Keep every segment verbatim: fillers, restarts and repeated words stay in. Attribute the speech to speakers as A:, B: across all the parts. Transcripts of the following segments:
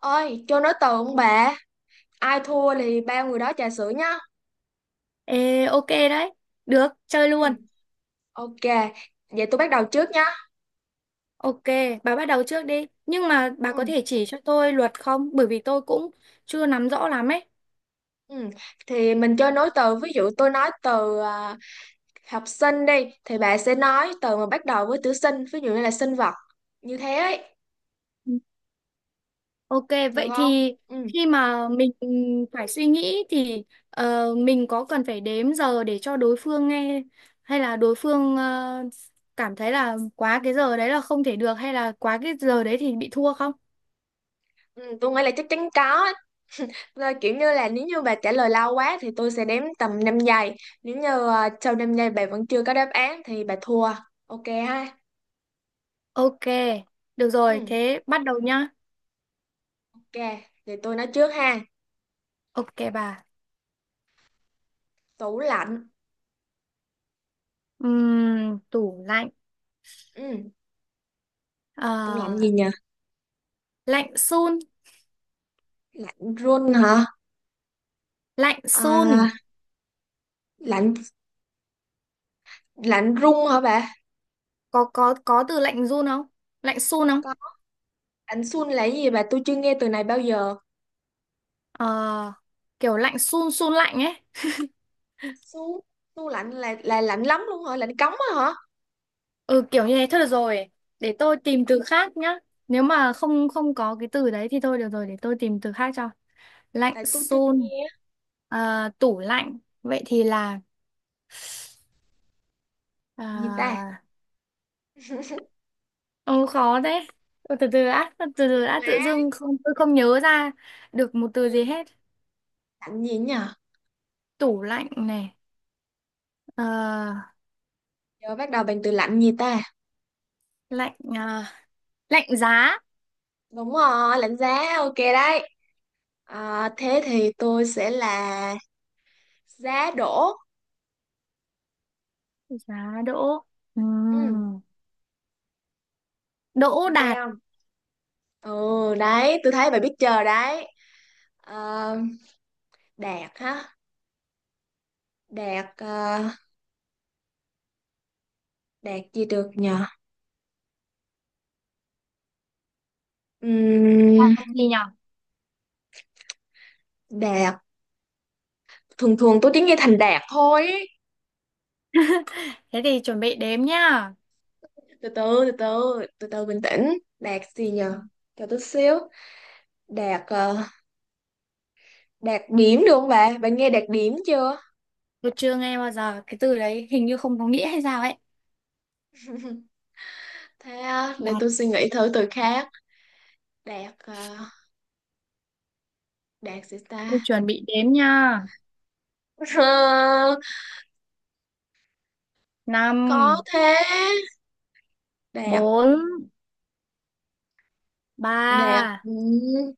A: Ôi, cho nói từ ông bà, ai thua thì ba người đó trà sữa nhá.
B: Ê, ok đấy. Được, chơi
A: Ừ,
B: luôn.
A: ok, vậy tôi bắt đầu trước nhá.
B: Ok, bà bắt đầu trước đi. Nhưng mà bà có
A: Ừ,
B: thể chỉ cho tôi luật không? Bởi vì tôi cũng chưa nắm rõ lắm ấy.
A: ừ. Thì mình chơi nối từ, ví dụ tôi nói từ à, học sinh đi, thì bà sẽ nói từ mà bắt đầu với chữ sinh, ví dụ như là sinh vật, như thế ấy,
B: Ừ. Ok,
A: được
B: vậy
A: không?
B: thì
A: Ừ,
B: khi mà mình phải suy nghĩ thì ờ, mình có cần phải đếm giờ để cho đối phương nghe hay là đối phương ờ, cảm thấy là quá cái giờ đấy là không thể được hay là quá cái giờ đấy thì bị thua không?
A: ừ tôi nghĩ là chắc chắn có. Rồi, kiểu như là nếu như bà trả lời lâu quá thì tôi sẽ đếm tầm năm giây. Nếu như à, sau năm giây bà vẫn chưa có đáp án thì bà thua. Ok ha?
B: Ok, được rồi,
A: Ừ.
B: thế bắt đầu nhá.
A: Ok, thì tôi nói trước ha.
B: Ok bà.
A: Tủ lạnh.
B: Ừm, tủ lạnh.
A: Ừ, tủ lạnh
B: Ờ,
A: gì nhỉ?
B: Lạnh sun.
A: Lạnh run hả?
B: Lạnh
A: À,
B: sun,
A: lạnh lạnh run hả bà?
B: có có có từ lạnh run không, lạnh sun không?
A: Có, lạnh sun là cái gì bà? Tôi chưa nghe từ này bao giờ.
B: ờ, Kiểu lạnh sun sun lạnh ấy.
A: Su, tủ lạnh là là lạnh lắm luôn hả? Lạnh cống á hả?
B: Ừ, kiểu như thế thôi, được rồi, để tôi tìm từ khác nhá. Nếu mà không không có cái từ đấy thì thôi, được rồi, để tôi tìm từ khác cho. Lạnh
A: Tại tôi chưa
B: sun.
A: nghe.
B: Ờ, tủ lạnh vậy thì là
A: Lạnh gì ta?
B: ờ, ừ, khó đấy. Ừ, từ từ đã từ
A: Chịu
B: từ đã
A: má.
B: tự dưng không, tôi không nhớ ra được một từ gì
A: Ừ,
B: hết.
A: lạnh gì nhỉ?
B: Tủ lạnh này. ờ,
A: Giờ bắt đầu bằng từ lạnh gì ta?
B: Lạnh à, lạnh giá.
A: Đúng rồi, lạnh giá. Ok đấy. À, thế thì tôi sẽ là giá đổ.
B: Giá đỗ.
A: Ừ,
B: Ừm, đỗ
A: ok
B: đạt.
A: không? Ừ, đấy, tôi thấy bà biết chờ đấy. Ờ, đạt hả? Đạt ờ, đạt gì được nhờ?
B: À,
A: Ừm,
B: gì nhở?
A: đạt thường thường tôi chỉ nghe thành đạt thôi ý.
B: Thế thì chuẩn bị đếm nhá.
A: Từ từ từ từ từ từ bình tĩnh. Đạt gì nhờ? Cho tôi xíu. Đạt ờ, đạt điểm được không bà? Bà nghe đạt điểm chưa?
B: Tôi chưa nghe bao giờ cái từ đấy, hình như không có nghĩa hay sao ấy.
A: Thế ờ, để
B: Đạt.
A: tôi suy nghĩ thử từ khác. Đạt ờ, đạt gì
B: Tôi
A: ta?
B: chuẩn bị đếm nha.
A: Ờ, có
B: Năm,
A: thế. Đạt
B: bốn,
A: đạt
B: ba,
A: ừm,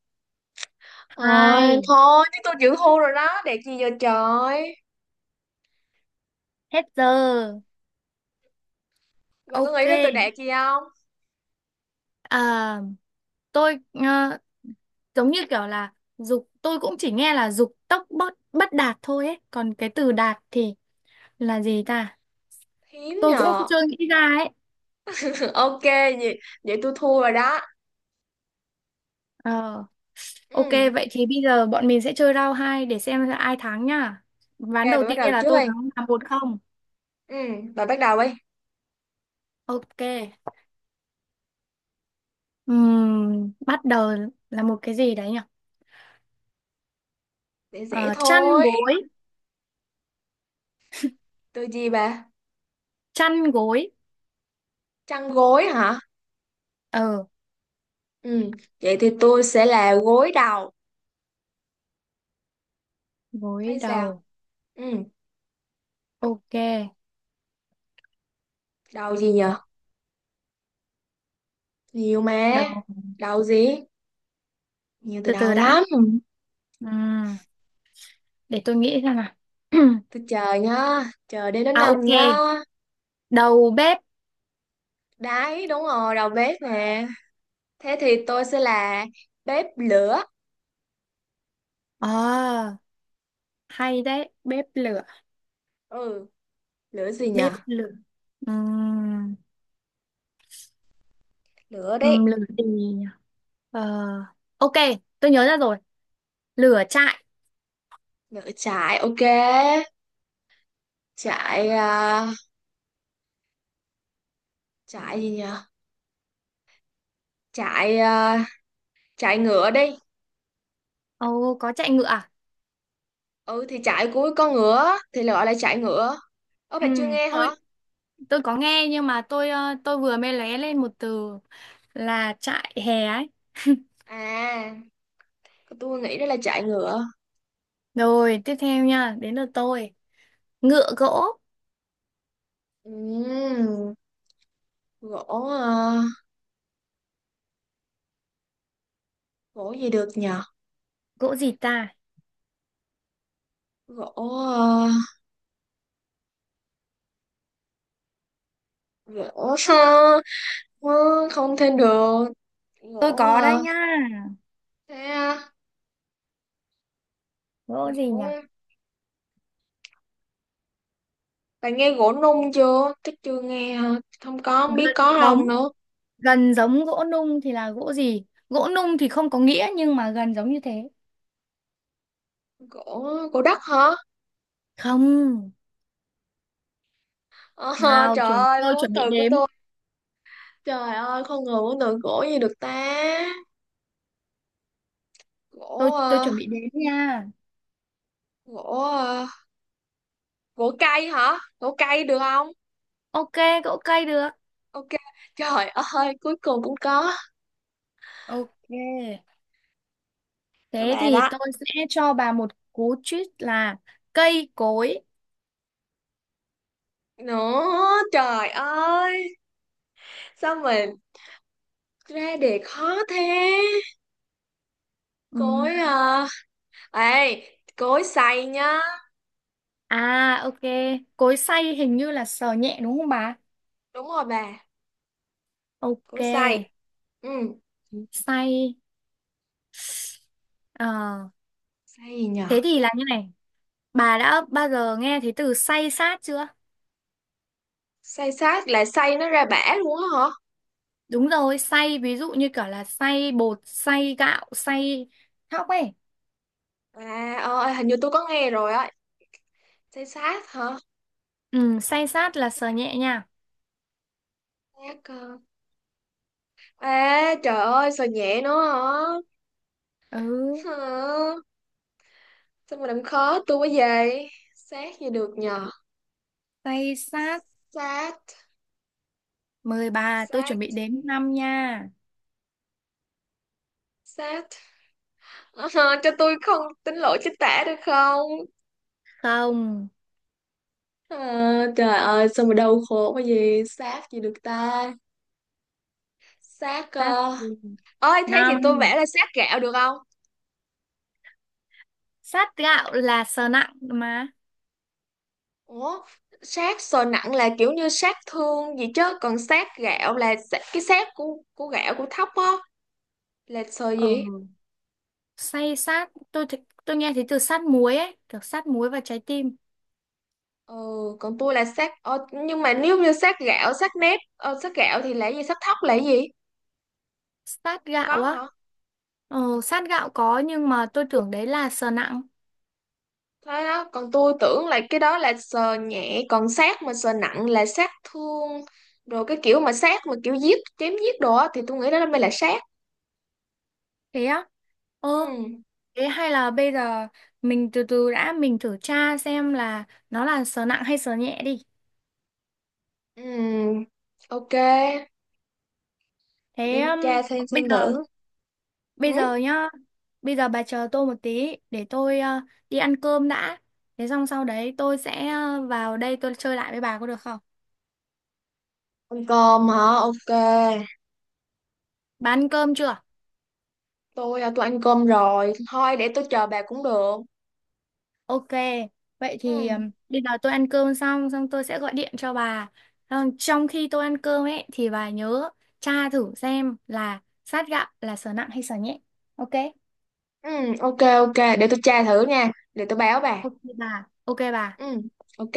A: Thôi,
B: hai,
A: thôi, chứ tôi chịu thua rồi đó, đẹp gì giờ trời.
B: hết giờ.
A: Bà có
B: Ok,
A: nghĩ đến tôi đẹp gì không?
B: à, tôi ờ, giống như kiểu là dục, tôi cũng chỉ nghe là dục tốc bất bất đạt thôi ấy, còn cái từ đạt thì là gì ta.
A: Hiếm
B: Tôi cũng
A: nhờ.
B: chưa nghĩ ra ấy.
A: Ok, vậy, vậy tôi thua rồi đó.
B: Ờ. Ok,
A: Ừ,
B: vậy thì bây giờ bọn mình sẽ chơi round hai để xem là ai thắng nha. Ván
A: ok,
B: đầu
A: bà bắt
B: tiên
A: đầu
B: là
A: trước
B: tôi
A: đi.
B: thắng, là một không.
A: Ừ, bà bắt đầu đi.
B: Ok. Ừm, bắt đầu là một cái gì đấy nhỉ?
A: Dễ dễ
B: Ờ, chăn
A: thôi.
B: gối,
A: Tôi gì bà?
B: chăn gối.
A: Chăn gối hả?
B: Ờ,
A: Ừ, vậy thì tôi sẽ là gối đầu.
B: gối
A: Thấy sao?
B: đầu.
A: Ừ,
B: Ok,
A: đầu gì nhờ? Nhiều mà.
B: đầu.
A: Đầu gì? Nhiều từ
B: Từ
A: đầu
B: từ đã.
A: lắm.
B: Ừm, để tôi nghĩ xem nào.
A: Tôi chờ nhá, chờ đến đến
B: À
A: năm nhá.
B: ok, đầu bếp.
A: Đấy, đúng rồi, đầu bếp nè. Thế thì tôi sẽ là bếp lửa.
B: Ờ, hay đấy, bếp lửa,
A: Ừ, lửa gì nhở?
B: bếp lửa. Ừm,
A: Lửa
B: ừm,
A: đấy.
B: lửa gì nhỉ? Ờ, ok, tôi nhớ ra rồi. Lửa trại.
A: Lửa trại, ok. Trại, à, trại gì nhở? Trại, à, trại ngựa đi.
B: Ồ, có chạy ngựa à?
A: Ừ, thì trại của con ngựa thì gọi là trại ngựa. Ơ, bà
B: Ừ,
A: chưa nghe hả?
B: tôi tôi có nghe nhưng mà tôi ờ, tôi vừa mới lóe lên một từ là trại hè ấy.
A: À, tôi nghĩ đó là trại ngựa.
B: Rồi, tiếp theo nha, đến lượt tôi. Ngựa gỗ.
A: Ừm, gỗ, à, gỗ gì được nhở?
B: Gỗ gì ta.
A: Gỗ, à, gỗ, không thêm được.
B: Tôi
A: Gỗ,
B: có đây
A: à,
B: nha.
A: thế, à,
B: Gỗ gì nhỉ?
A: gỗ. Bạn nghe gỗ nung chưa? Chắc chưa nghe hả? Không có, không biết
B: Gần
A: có
B: giống,
A: không nữa.
B: gần giống gỗ nung thì là gỗ gì? Gỗ nung thì không có nghĩa nhưng mà gần giống như thế.
A: Gỗ, gỗ đất hả?
B: Không.
A: Ờ,
B: Nào,
A: trời
B: chuẩn,
A: ơi,
B: tôi
A: vốn
B: chuẩn bị
A: từ của
B: đếm.
A: tôi. Trời ơi, con người vốn từ gỗ gì được ta?
B: Tôi
A: Gỗ,
B: tôi
A: ờ,
B: chuẩn bị đếm nha.
A: gỗ, ờ, gỗ cây hả? Gỗ cây được không?
B: Ok, gỗ cây được.
A: Ok, trời ơi, cuối cùng cũng có.
B: Ok.
A: Các
B: Thế
A: bạn
B: thì
A: đó.
B: tôi sẽ cho bà một cú tweet là cây cối.
A: Nữa, trời ơi, sao mình ra đề khó thế? Cối,
B: Ừm.
A: à ê, cối xay nhá.
B: À ok, cối xay hình như là sờ nhẹ đúng không bà?
A: Đúng rồi bà,
B: Ok,
A: cối xay. Ừ.
B: xay. Ờ,
A: Say nhờ?
B: thế thì là như này, bà đã bao giờ nghe thấy từ xay sát chưa?
A: Say sát là say nó ra bã luôn á hả?
B: Đúng rồi, xay ví dụ như kiểu là xay bột, xay gạo, xay thóc ấy.
A: à ờ, à, hình như tôi có nghe rồi á, say sát hả?
B: Ừ, xay sát là sờ nhẹ nha.
A: Sát ờ. À trời ơi sao nhẹ nữa hả?
B: Ừ,
A: Hả? Sao mà làm khó tôi quá vậy. Sát gì được nhờ?
B: xay sát.
A: Sát
B: Mời bà, tôi chuẩn
A: Sát
B: bị đếm năm nha.
A: Sát Ờ, cho tôi không tính lỗi chính tả được không?
B: Không.
A: Ờ, trời ơi sao mà đau khổ quá gì. Sát gì được ta? Sát
B: Sắt
A: ờ.
B: gì?
A: Ơi thế thì
B: Năm.
A: tôi vẽ là sát gạo được không?
B: Sát gạo là sờ nặng mà.
A: Ủa, sát sờ nặng là kiểu như sát thương gì, chứ còn sát gạo là sa- cái sát của của gạo của thóc á, là sờ
B: Ờ,
A: gì.
B: say sát tôi thì- tôi nghe thấy từ sát muối ấy, kiểu sát muối và trái tim.
A: Ừ, còn tôi là sát ờ, nhưng mà nếu như sát gạo sát nếp ờ, sát gạo thì là gì, sát thóc là gì,
B: Sát
A: không có
B: gạo á?
A: hả?
B: Ờ, sát gạo có nhưng mà tôi tưởng đấy là sờ nặng.
A: Thế đó, còn tôi tưởng là cái đó là sờ nhẹ, còn sát mà sờ nặng là sát thương. Rồi cái kiểu mà sát mà kiểu giết chém giết đồ á thì tôi nghĩ đó mới là sát.
B: Thế á? Ờ,
A: Ừ.
B: thế hay là bây giờ mình từ từ đã, mình thử tra xem là nó là sờ nặng hay sờ nhẹ đi.
A: Ừ, ok, để
B: Thế
A: em
B: um,
A: tra xem
B: bây
A: xem
B: giờ,
A: thử.
B: bây
A: Ừ.
B: giờ nhá, bây giờ bà chờ tôi một tí để tôi ờ, đi ăn cơm đã. Thế xong sau đấy tôi sẽ ờ, vào đây tôi chơi lại với bà có được không?
A: Ăn cơm hả? Ok.
B: Bà ăn cơm chưa?
A: Tôi à, tôi ăn cơm rồi. Thôi để tôi chờ bà cũng được.
B: Ok, vậy thì
A: Ừ.
B: ừm, bây giờ tôi ăn cơm xong xong tôi sẽ gọi điện cho bà. Xong. Trong khi tôi ăn cơm ấy thì bà nhớ tra thử xem là sát gạo là sở nặng hay sở nhẹ. Ok?
A: Ừ, ok ok, để tôi tra thử nha. Để tôi báo bà.
B: Ok bà. Ok bà.
A: Ừ, ok.